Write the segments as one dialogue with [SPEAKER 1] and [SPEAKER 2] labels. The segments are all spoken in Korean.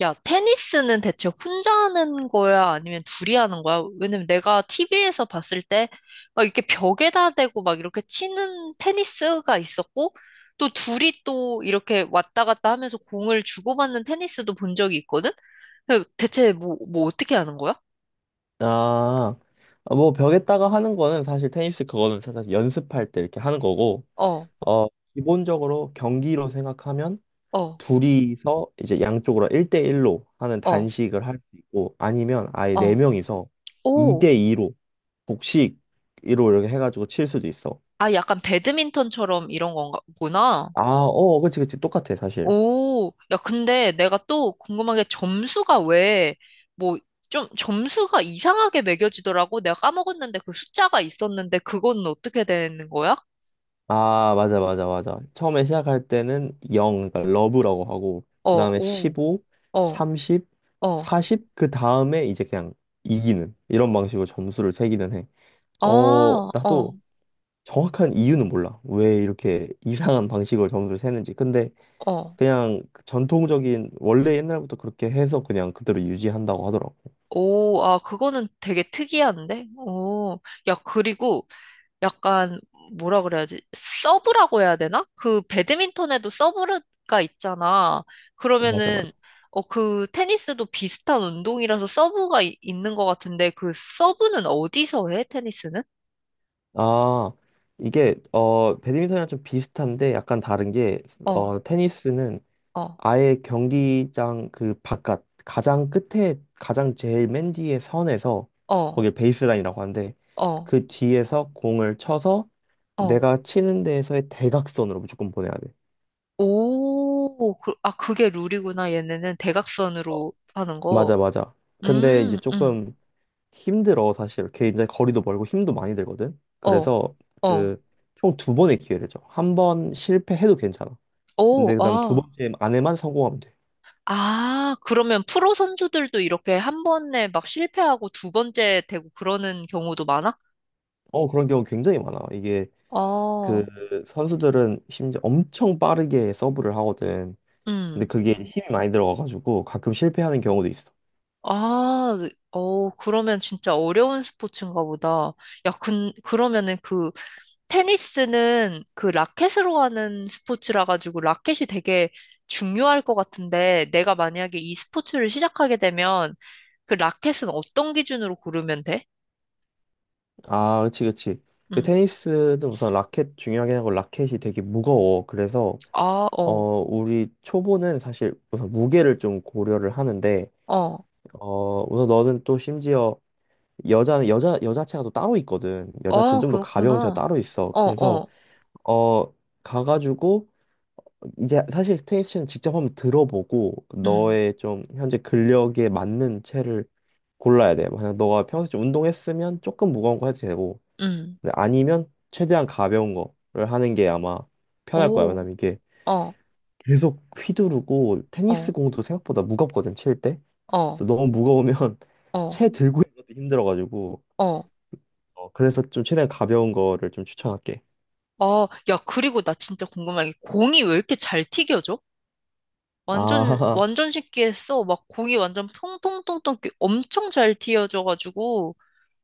[SPEAKER 1] 야, 테니스는 대체 혼자 하는 거야? 아니면 둘이 하는 거야? 왜냐면 내가 TV에서 봤을 때 막 이렇게 벽에다 대고 막 이렇게 치는 테니스가 있었고 또 둘이 또 이렇게 왔다 갔다 하면서 공을 주고받는 테니스도 본 적이 있거든? 근데 대체 뭐 어떻게 하는 거야?
[SPEAKER 2] 아, 아, 뭐 벽에다가 하는 거는 사실 테니스 그거는 사실 연습할 때 이렇게 하는 거고,
[SPEAKER 1] 어,
[SPEAKER 2] 어, 기본적으로 경기로 생각하면
[SPEAKER 1] 어,
[SPEAKER 2] 둘이서 이제 양쪽으로 1대1로 하는
[SPEAKER 1] 어,
[SPEAKER 2] 단식을 할 수 있고, 아니면 아예
[SPEAKER 1] 어.
[SPEAKER 2] 네명이서
[SPEAKER 1] 오.
[SPEAKER 2] 2대2로 복식으로 이렇게 해가지고 칠 수도 있어.
[SPEAKER 1] 아, 약간 배드민턴처럼 이런 건가, 구나.
[SPEAKER 2] 아, 그치, 그치. 똑같아, 사실.
[SPEAKER 1] 오, 야, 근데 내가 또 궁금한 게 점수가 왜, 뭐, 좀 점수가 이상하게 매겨지더라고. 내가 까먹었는데 그 숫자가 있었는데 그건 어떻게 되는 거야?
[SPEAKER 2] 아, 맞아, 맞아, 맞아. 처음에 시작할 때는 0, 그러니까 러브라고 하고, 그
[SPEAKER 1] 어,
[SPEAKER 2] 다음에
[SPEAKER 1] 오,
[SPEAKER 2] 15,
[SPEAKER 1] 어,
[SPEAKER 2] 30,
[SPEAKER 1] 어,
[SPEAKER 2] 40, 그 다음에 이제 그냥 이기는, 이런 방식으로 점수를 세기는 해.
[SPEAKER 1] 아, 어,
[SPEAKER 2] 나도 정확한 이유는 몰라. 왜 이렇게 이상한 방식으로 점수를 세는지. 근데
[SPEAKER 1] 어.
[SPEAKER 2] 그냥 그 전통적인, 원래 옛날부터 그렇게 해서 그냥 그대로 유지한다고 하더라고.
[SPEAKER 1] 오, 아, 그거는 되게 특이한데? 오, 야, 그리고 약간 뭐라 그래야지? 서브라고 해야 되나? 그 배드민턴에도 서브가 있잖아.
[SPEAKER 2] 맞아,
[SPEAKER 1] 그러면은
[SPEAKER 2] 맞아.
[SPEAKER 1] 어, 그 테니스도 비슷한 운동이라서 있는 것 같은데 그 서브는 어디서 해? 테니스는?
[SPEAKER 2] 아, 이게, 배드민턴이랑 좀 비슷한데 약간 다른 게,
[SPEAKER 1] 어,
[SPEAKER 2] 테니스는
[SPEAKER 1] 어,
[SPEAKER 2] 아예 경기장 그 바깥 가장 끝에 가장 제일 맨 뒤에 선에서
[SPEAKER 1] 어,
[SPEAKER 2] 거기 베이스라인이라고 하는데
[SPEAKER 1] 어,
[SPEAKER 2] 그 뒤에서 공을 쳐서
[SPEAKER 1] 어.
[SPEAKER 2] 내가 치는 데에서의 대각선으로 무조건 보내야 돼.
[SPEAKER 1] 오, 그, 아, 그게 룰이구나. 얘네는 대각선으로 하는 거.
[SPEAKER 2] 맞아 맞아. 근데 이제
[SPEAKER 1] 음, 음,
[SPEAKER 2] 조금 힘들어 사실. 굉장히 거리도 멀고 힘도 많이 들거든.
[SPEAKER 1] 어,
[SPEAKER 2] 그래서
[SPEAKER 1] 어.
[SPEAKER 2] 그 총 두 번의 기회를 줘. 한 번 실패해도 괜찮아.
[SPEAKER 1] 오,
[SPEAKER 2] 근데 그다음 두
[SPEAKER 1] 아.
[SPEAKER 2] 번째 안에만 성공하면 돼.
[SPEAKER 1] 아, 그러면 프로 선수들도 이렇게 한 번에 막 실패하고 두 번째 되고 그러는 경우도 많아?
[SPEAKER 2] 그런 경우 굉장히 많아. 이게 그
[SPEAKER 1] 어,
[SPEAKER 2] 선수들은 심지어 엄청 빠르게 서브를 하거든. 근데
[SPEAKER 1] 음.
[SPEAKER 2] 그게 힘이 많이 들어가가지고 가끔 실패하는 경우도 있어.
[SPEAKER 1] 아, 어, 그러면 진짜 어려운 스포츠인가 보다. 야, 그러면은 그, 테니스는 그 라켓으로 하는 스포츠라 가지고 라켓이 되게 중요할 것 같은데, 내가 만약에 이 스포츠를 시작하게 되면 그 라켓은 어떤 기준으로 고르면 돼?
[SPEAKER 2] 아, 그치, 그치. 그
[SPEAKER 1] 음.
[SPEAKER 2] 테니스는 우선 라켓 중요하긴 하고 라켓이 되게 무거워. 그래서
[SPEAKER 1] 아,
[SPEAKER 2] 어
[SPEAKER 1] 어,
[SPEAKER 2] 우리 초보는 사실 우선 무게를 좀 고려를 하는데
[SPEAKER 1] 어.
[SPEAKER 2] 우선 너는 또 심지어 여자는 여자체가 또 따로 있거든. 여자체는
[SPEAKER 1] 아,
[SPEAKER 2] 좀 더 가벼운 체가
[SPEAKER 1] 그렇구나.
[SPEAKER 2] 따로 있어. 그래서
[SPEAKER 1] 어어.
[SPEAKER 2] 어 가가지고 이제 사실 스테이션 직접 한번 들어보고
[SPEAKER 1] 음,
[SPEAKER 2] 너의 좀 현재 근력에 맞는 채를 골라야 돼. 만약 너가 평소에 좀 운동했으면 조금 무거운 거 해도 되고
[SPEAKER 1] 음,
[SPEAKER 2] 근데 아니면 최대한 가벼운 거를 하는 게 아마 편할 거야.
[SPEAKER 1] 오,
[SPEAKER 2] 왜냐면 이게
[SPEAKER 1] 어,
[SPEAKER 2] 계속 휘두르고 테니스
[SPEAKER 1] 어,
[SPEAKER 2] 공도 생각보다 무겁거든 칠 때.
[SPEAKER 1] 어,
[SPEAKER 2] 그래서 너무 무거우면
[SPEAKER 1] 어,
[SPEAKER 2] 채 들고 있는 것도 힘들어가지고
[SPEAKER 1] 어,
[SPEAKER 2] 그래서 좀 최대한 가벼운 거를 좀 추천할게.
[SPEAKER 1] 어, 야, 그리고 나 진짜 궁금한 게 공이 왜 이렇게 잘 튀겨져? 완전,
[SPEAKER 2] 아
[SPEAKER 1] 완전 쉽게 했어. 막 공이 완전 통통통통 이렇게 엄청 잘 튀어져가지고,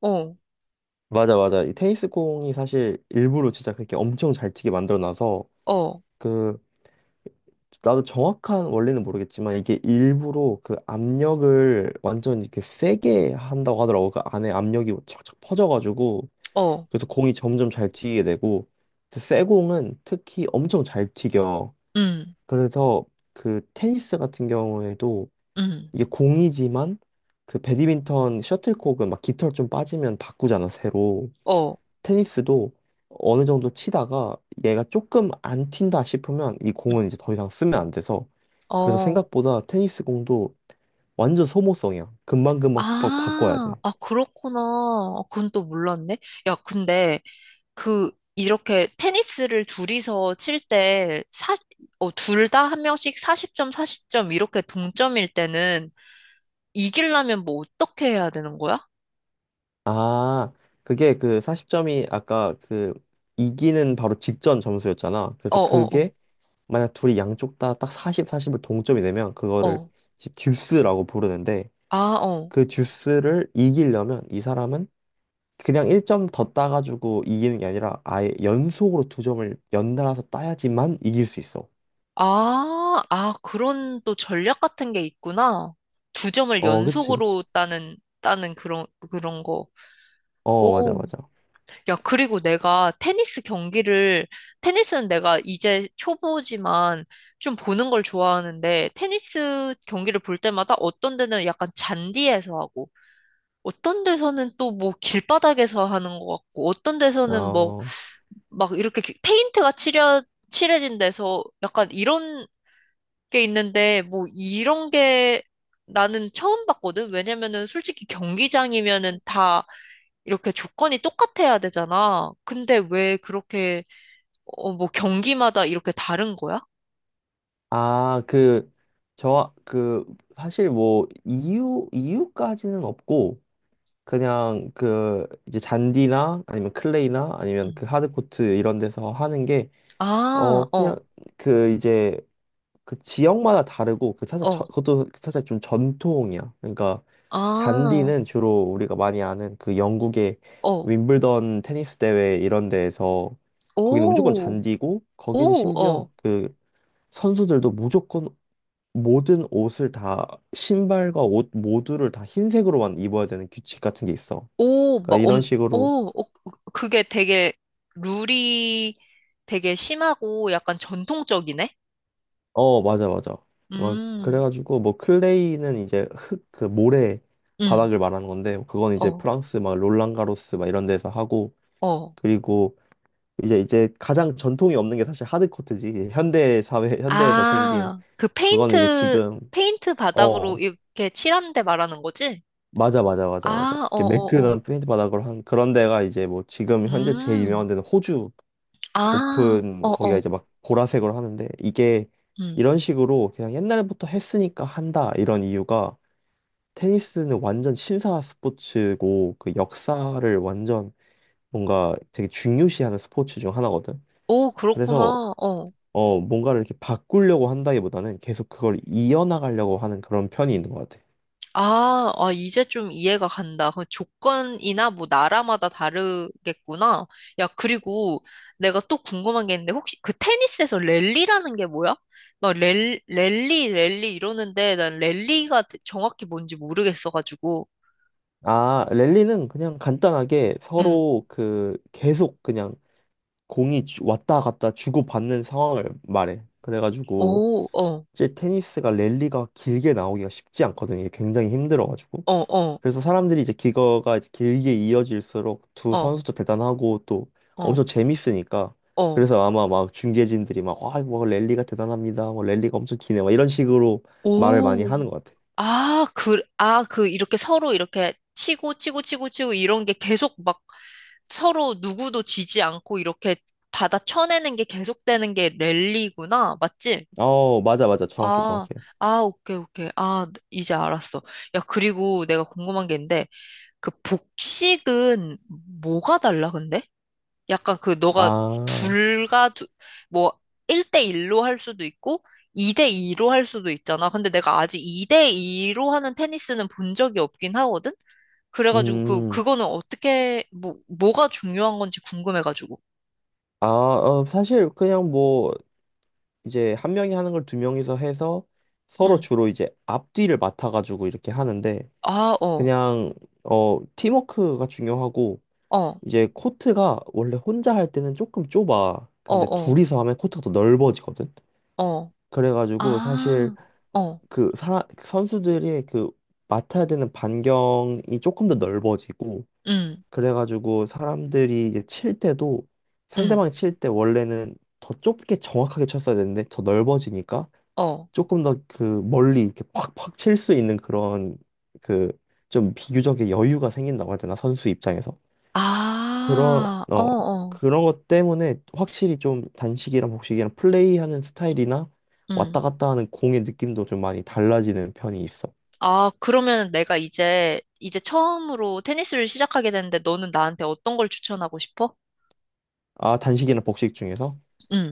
[SPEAKER 1] 어,
[SPEAKER 2] 맞아 맞아 이 테니스 공이 사실 일부러 진짜 그렇게 엄청 잘 튀게 만들어 놔서
[SPEAKER 1] 어,
[SPEAKER 2] 그 나도 정확한 원리는 모르겠지만 이게 일부러 그 압력을 완전 이렇게 세게 한다고 하더라고. 그 안에 압력이 착착 퍼져가지고
[SPEAKER 1] 어,
[SPEAKER 2] 그래서 공이 점점 잘 튀게 되고 그래서 세 공은 특히 엄청 잘 튀겨.
[SPEAKER 1] 음,
[SPEAKER 2] 그래서 그 테니스 같은 경우에도
[SPEAKER 1] 음,
[SPEAKER 2] 이게 공이지만 그 배드민턴 셔틀콕은 막 깃털 좀 빠지면 바꾸잖아 새로.
[SPEAKER 1] 어,
[SPEAKER 2] 테니스도 어느 정도 치다가 얘가 조금 안 튄다 싶으면 이
[SPEAKER 1] 음,
[SPEAKER 2] 공은 이제 더 이상 쓰면 안 돼서 그래서
[SPEAKER 1] 어.
[SPEAKER 2] 생각보다 테니스 공도 완전 소모성이야. 금방금방 바꿔야
[SPEAKER 1] 아,
[SPEAKER 2] 돼.
[SPEAKER 1] 아, 그렇구나. 아, 그건 또 몰랐네. 야, 근데 그, 이렇게 테니스를 둘이서 칠 때, 사, 어, 둘 다 한 명씩 40점, 40점 이렇게 동점일 때는 이기려면 뭐 어떻게 해야 되는 거야?
[SPEAKER 2] 아, 그게 그 40점이 아까 그 이기는 바로 직전 점수였잖아.
[SPEAKER 1] 어,
[SPEAKER 2] 그래서
[SPEAKER 1] 어,
[SPEAKER 2] 그게 만약 둘이 양쪽 다 딱 40, 40을 동점이 되면
[SPEAKER 1] 어,
[SPEAKER 2] 그거를
[SPEAKER 1] 어.
[SPEAKER 2] 이제 듀스라고 부르는데
[SPEAKER 1] 아, 어.
[SPEAKER 2] 그 듀스를 이기려면 이 사람은 그냥 1점 더 따가지고 이기는 게 아니라 아예 연속으로 두 점을 연달아서 따야지만 이길 수 있어.
[SPEAKER 1] 아, 아, 그런 또 전략 같은 게 있구나. 두 점을
[SPEAKER 2] 그치, 그치.
[SPEAKER 1] 연속으로 따는 그런, 그런 거.
[SPEAKER 2] 맞아,
[SPEAKER 1] 오.
[SPEAKER 2] 맞아.
[SPEAKER 1] 야, 그리고 내가 테니스 경기를, 테니스는 내가 이제 초보지만 좀 보는 걸 좋아하는데, 테니스 경기를 볼 때마다 어떤 데는 약간 잔디에서 하고, 어떤 데서는 또 뭐 길바닥에서 하는 것 같고, 어떤 데서는 뭐
[SPEAKER 2] 어,
[SPEAKER 1] 막 이렇게 페인트가 칠해진 데서 약간 이런 게 있는데, 뭐 이런 게 나는 처음 봤거든? 왜냐면은 솔직히 경기장이면은 다 이렇게 조건이 똑같아야 되잖아. 근데 왜 그렇게, 어, 뭐 경기마다 이렇게 다른 거야?
[SPEAKER 2] 아, 그, 저, 그, 사실 뭐, 이유까지는 없고, 그냥 그, 이제 잔디나 아니면 클레이나 아니면 그
[SPEAKER 1] 음.
[SPEAKER 2] 하드코트 이런 데서 하는 게,
[SPEAKER 1] 아,
[SPEAKER 2] 그냥
[SPEAKER 1] 어,
[SPEAKER 2] 그 이제 그 지역마다 다르고 그 사실 저,
[SPEAKER 1] 어,
[SPEAKER 2] 그것도 사실 좀 전통이야. 그러니까
[SPEAKER 1] 아,
[SPEAKER 2] 잔디는 주로 우리가 많이 아는 그 영국의
[SPEAKER 1] 어,
[SPEAKER 2] 윈블던 테니스 대회 이런 데에서 거기는 무조건
[SPEAKER 1] 오,
[SPEAKER 2] 잔디고 거기는
[SPEAKER 1] 오, 어,
[SPEAKER 2] 심지어 그 선수들도 무조건 모든 옷을 다 신발과 옷 모두를 다 흰색으로만 입어야 되는 규칙 같은 게 있어.
[SPEAKER 1] 오, 막,
[SPEAKER 2] 그러니까 이런
[SPEAKER 1] 엄,
[SPEAKER 2] 식으로
[SPEAKER 1] 오, 어, 그게 되게 룰이 되게 심하고 약간 전통적이네?
[SPEAKER 2] 맞아, 맞아. 막,
[SPEAKER 1] 음,
[SPEAKER 2] 그래가지고, 뭐, 클레이는 이제 흙, 그 모래
[SPEAKER 1] 음,
[SPEAKER 2] 바닥을 말하는 건데, 그건 이제
[SPEAKER 1] 어,
[SPEAKER 2] 프랑스, 막, 롤랑가로스, 막, 이런 데서 하고,
[SPEAKER 1] 어.
[SPEAKER 2] 그리고 이제 가장 전통이 없는 게 사실 하드코트지. 이제 현대 사회, 현대에서 생긴,
[SPEAKER 1] 아, 그
[SPEAKER 2] 그거는 이제
[SPEAKER 1] 페인트,
[SPEAKER 2] 지금,
[SPEAKER 1] 페인트 바닥으로
[SPEAKER 2] 어,
[SPEAKER 1] 이렇게 칠하는 데 말하는 거지?
[SPEAKER 2] 맞아, 맞아, 맞아, 맞아.
[SPEAKER 1] 아, 어,
[SPEAKER 2] 이렇게
[SPEAKER 1] 어, 어.
[SPEAKER 2] 매끈한 페인트 바닥으로 한 그런 데가 이제 뭐, 지금 현재 제일 유명한
[SPEAKER 1] 음,
[SPEAKER 2] 데는 호주
[SPEAKER 1] 아,
[SPEAKER 2] 오픈, 거기가
[SPEAKER 1] 어어,
[SPEAKER 2] 이제 막, 보라색으로 하는데, 이게,
[SPEAKER 1] 음.
[SPEAKER 2] 이런 식으로 그냥 옛날부터 했으니까 한다, 이런 이유가, 테니스는 완전 신사 스포츠고 그 역사를 완전 뭔가 되게 중요시하는 스포츠 중 하나거든.
[SPEAKER 1] 오,
[SPEAKER 2] 그래서
[SPEAKER 1] 그렇구나, 어.
[SPEAKER 2] 뭔가를 이렇게 바꾸려고 한다기보다는 계속 그걸 이어나가려고 하는 그런 편이 있는 것 같아.
[SPEAKER 1] 아, 아, 이제 좀 이해가 간다. 그 조건이나 뭐 나라마다 다르겠구나. 야, 그리고 내가 또 궁금한 게 있는데, 혹시 그 테니스에서 랠리라는 게 뭐야? 막 랠리 이러는데 난 랠리가 정확히 뭔지 모르겠어가지고.
[SPEAKER 2] 아, 랠리는 그냥 간단하게
[SPEAKER 1] 음.
[SPEAKER 2] 서로 그 계속 그냥 공이 왔다 갔다 주고받는 상황을 말해. 그래가지고
[SPEAKER 1] 오, 어,
[SPEAKER 2] 이제 테니스가 랠리가 길게 나오기가 쉽지 않거든. 이게 굉장히 힘들어가지고.
[SPEAKER 1] 어, 어,
[SPEAKER 2] 그래서 사람들이 이제 기거가 이제 길게 이어질수록 두
[SPEAKER 1] 어,
[SPEAKER 2] 선수도 대단하고 또
[SPEAKER 1] 어,
[SPEAKER 2] 엄청 재밌으니까
[SPEAKER 1] 어.
[SPEAKER 2] 그래서 아마 막 중계진들이 막 와, 뭐 랠리가 대단합니다. 뭐 랠리가 엄청 기네. 막 이런 식으로 말을 많이
[SPEAKER 1] 오,
[SPEAKER 2] 하는 것 같아.
[SPEAKER 1] 아, 그, 아, 그, 이렇게 서로 이렇게 치고, 치고, 치고, 치고, 이런 게 계속 막 서로 누구도 지지 않고 이렇게 받아 쳐내는 게 계속되는 게 랠리구나. 맞지?
[SPEAKER 2] 맞아, 맞아. 정확해,
[SPEAKER 1] 아,
[SPEAKER 2] 정확해.
[SPEAKER 1] 아, 오케이, 오케이. 아, 이제 알았어. 야, 그리고 내가 궁금한 게 있는데, 그 복식은 뭐가 달라, 근데? 약간 그 너가
[SPEAKER 2] 아,
[SPEAKER 1] 둘과 두, 뭐 1대1로 할 수도 있고 2대2로 할 수도 있잖아. 근데 내가 아직 2대2로 하는 테니스는 본 적이 없긴 하거든? 그래가지고 그,
[SPEAKER 2] 음.
[SPEAKER 1] 그거는 어떻게, 뭐, 뭐가 중요한 건지 궁금해가지고.
[SPEAKER 2] 아, 사실 그냥 뭐 이제 한 명이 하는 걸 두 명이서 해서 서로
[SPEAKER 1] 응.
[SPEAKER 2] 주로 이제 앞뒤를 맡아가지고 이렇게 하는데
[SPEAKER 1] 아, 어,
[SPEAKER 2] 그냥 팀워크가 중요하고
[SPEAKER 1] 어,
[SPEAKER 2] 이제 코트가 원래 혼자 할 때는 조금 좁아.
[SPEAKER 1] 어,
[SPEAKER 2] 근데
[SPEAKER 1] 어,
[SPEAKER 2] 둘이서 하면 코트가 더 넓어지거든.
[SPEAKER 1] 어.
[SPEAKER 2] 그래가지고 사실
[SPEAKER 1] 아, 어,
[SPEAKER 2] 그 선수들이 그 맡아야 되는 반경이 조금 더 넓어지고
[SPEAKER 1] 응,
[SPEAKER 2] 그래가지고 사람들이 이제 칠 때도
[SPEAKER 1] 응,
[SPEAKER 2] 상대방이 칠 때 원래는 더 좁게 정확하게 쳤어야 되는데 더 넓어지니까
[SPEAKER 1] 어.
[SPEAKER 2] 조금 더 그 멀리 이렇게 팍팍 칠 수 있는 그런 그 좀 비교적인 여유가 생긴다고 해야 되나 선수 입장에서 그런
[SPEAKER 1] 아, 어,
[SPEAKER 2] 어
[SPEAKER 1] 어.
[SPEAKER 2] 그런 것 때문에 확실히 좀 단식이랑 복식이랑 플레이하는 스타일이나
[SPEAKER 1] 응.
[SPEAKER 2] 왔다 갔다 하는 공의 느낌도 좀 많이 달라지는 편이 있어.
[SPEAKER 1] 아, 그러면 내가 이제, 이제 처음으로 테니스를 시작하게 되는데 너는 나한테 어떤 걸 추천하고 싶어?
[SPEAKER 2] 아, 단식이나 복식 중에서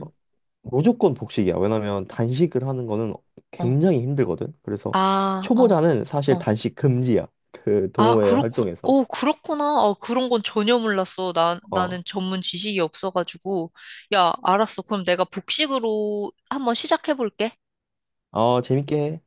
[SPEAKER 2] 어, 무조건 복식이야. 왜냐면 단식을 하는 거는
[SPEAKER 1] 어.
[SPEAKER 2] 굉장히 힘들거든. 그래서
[SPEAKER 1] 아, 어,
[SPEAKER 2] 초보자는 사실
[SPEAKER 1] 어.
[SPEAKER 2] 단식 금지야. 그
[SPEAKER 1] 아,
[SPEAKER 2] 동호회 활동에서.
[SPEAKER 1] 오, 그렇구나. 어, 그런 건 전혀 몰랐어. 나, 나는
[SPEAKER 2] 어,
[SPEAKER 1] 전문 지식이 없어가지고. 야, 알았어. 그럼 내가 복식으로 한번 시작해볼게.
[SPEAKER 2] 어, 재밌게 해.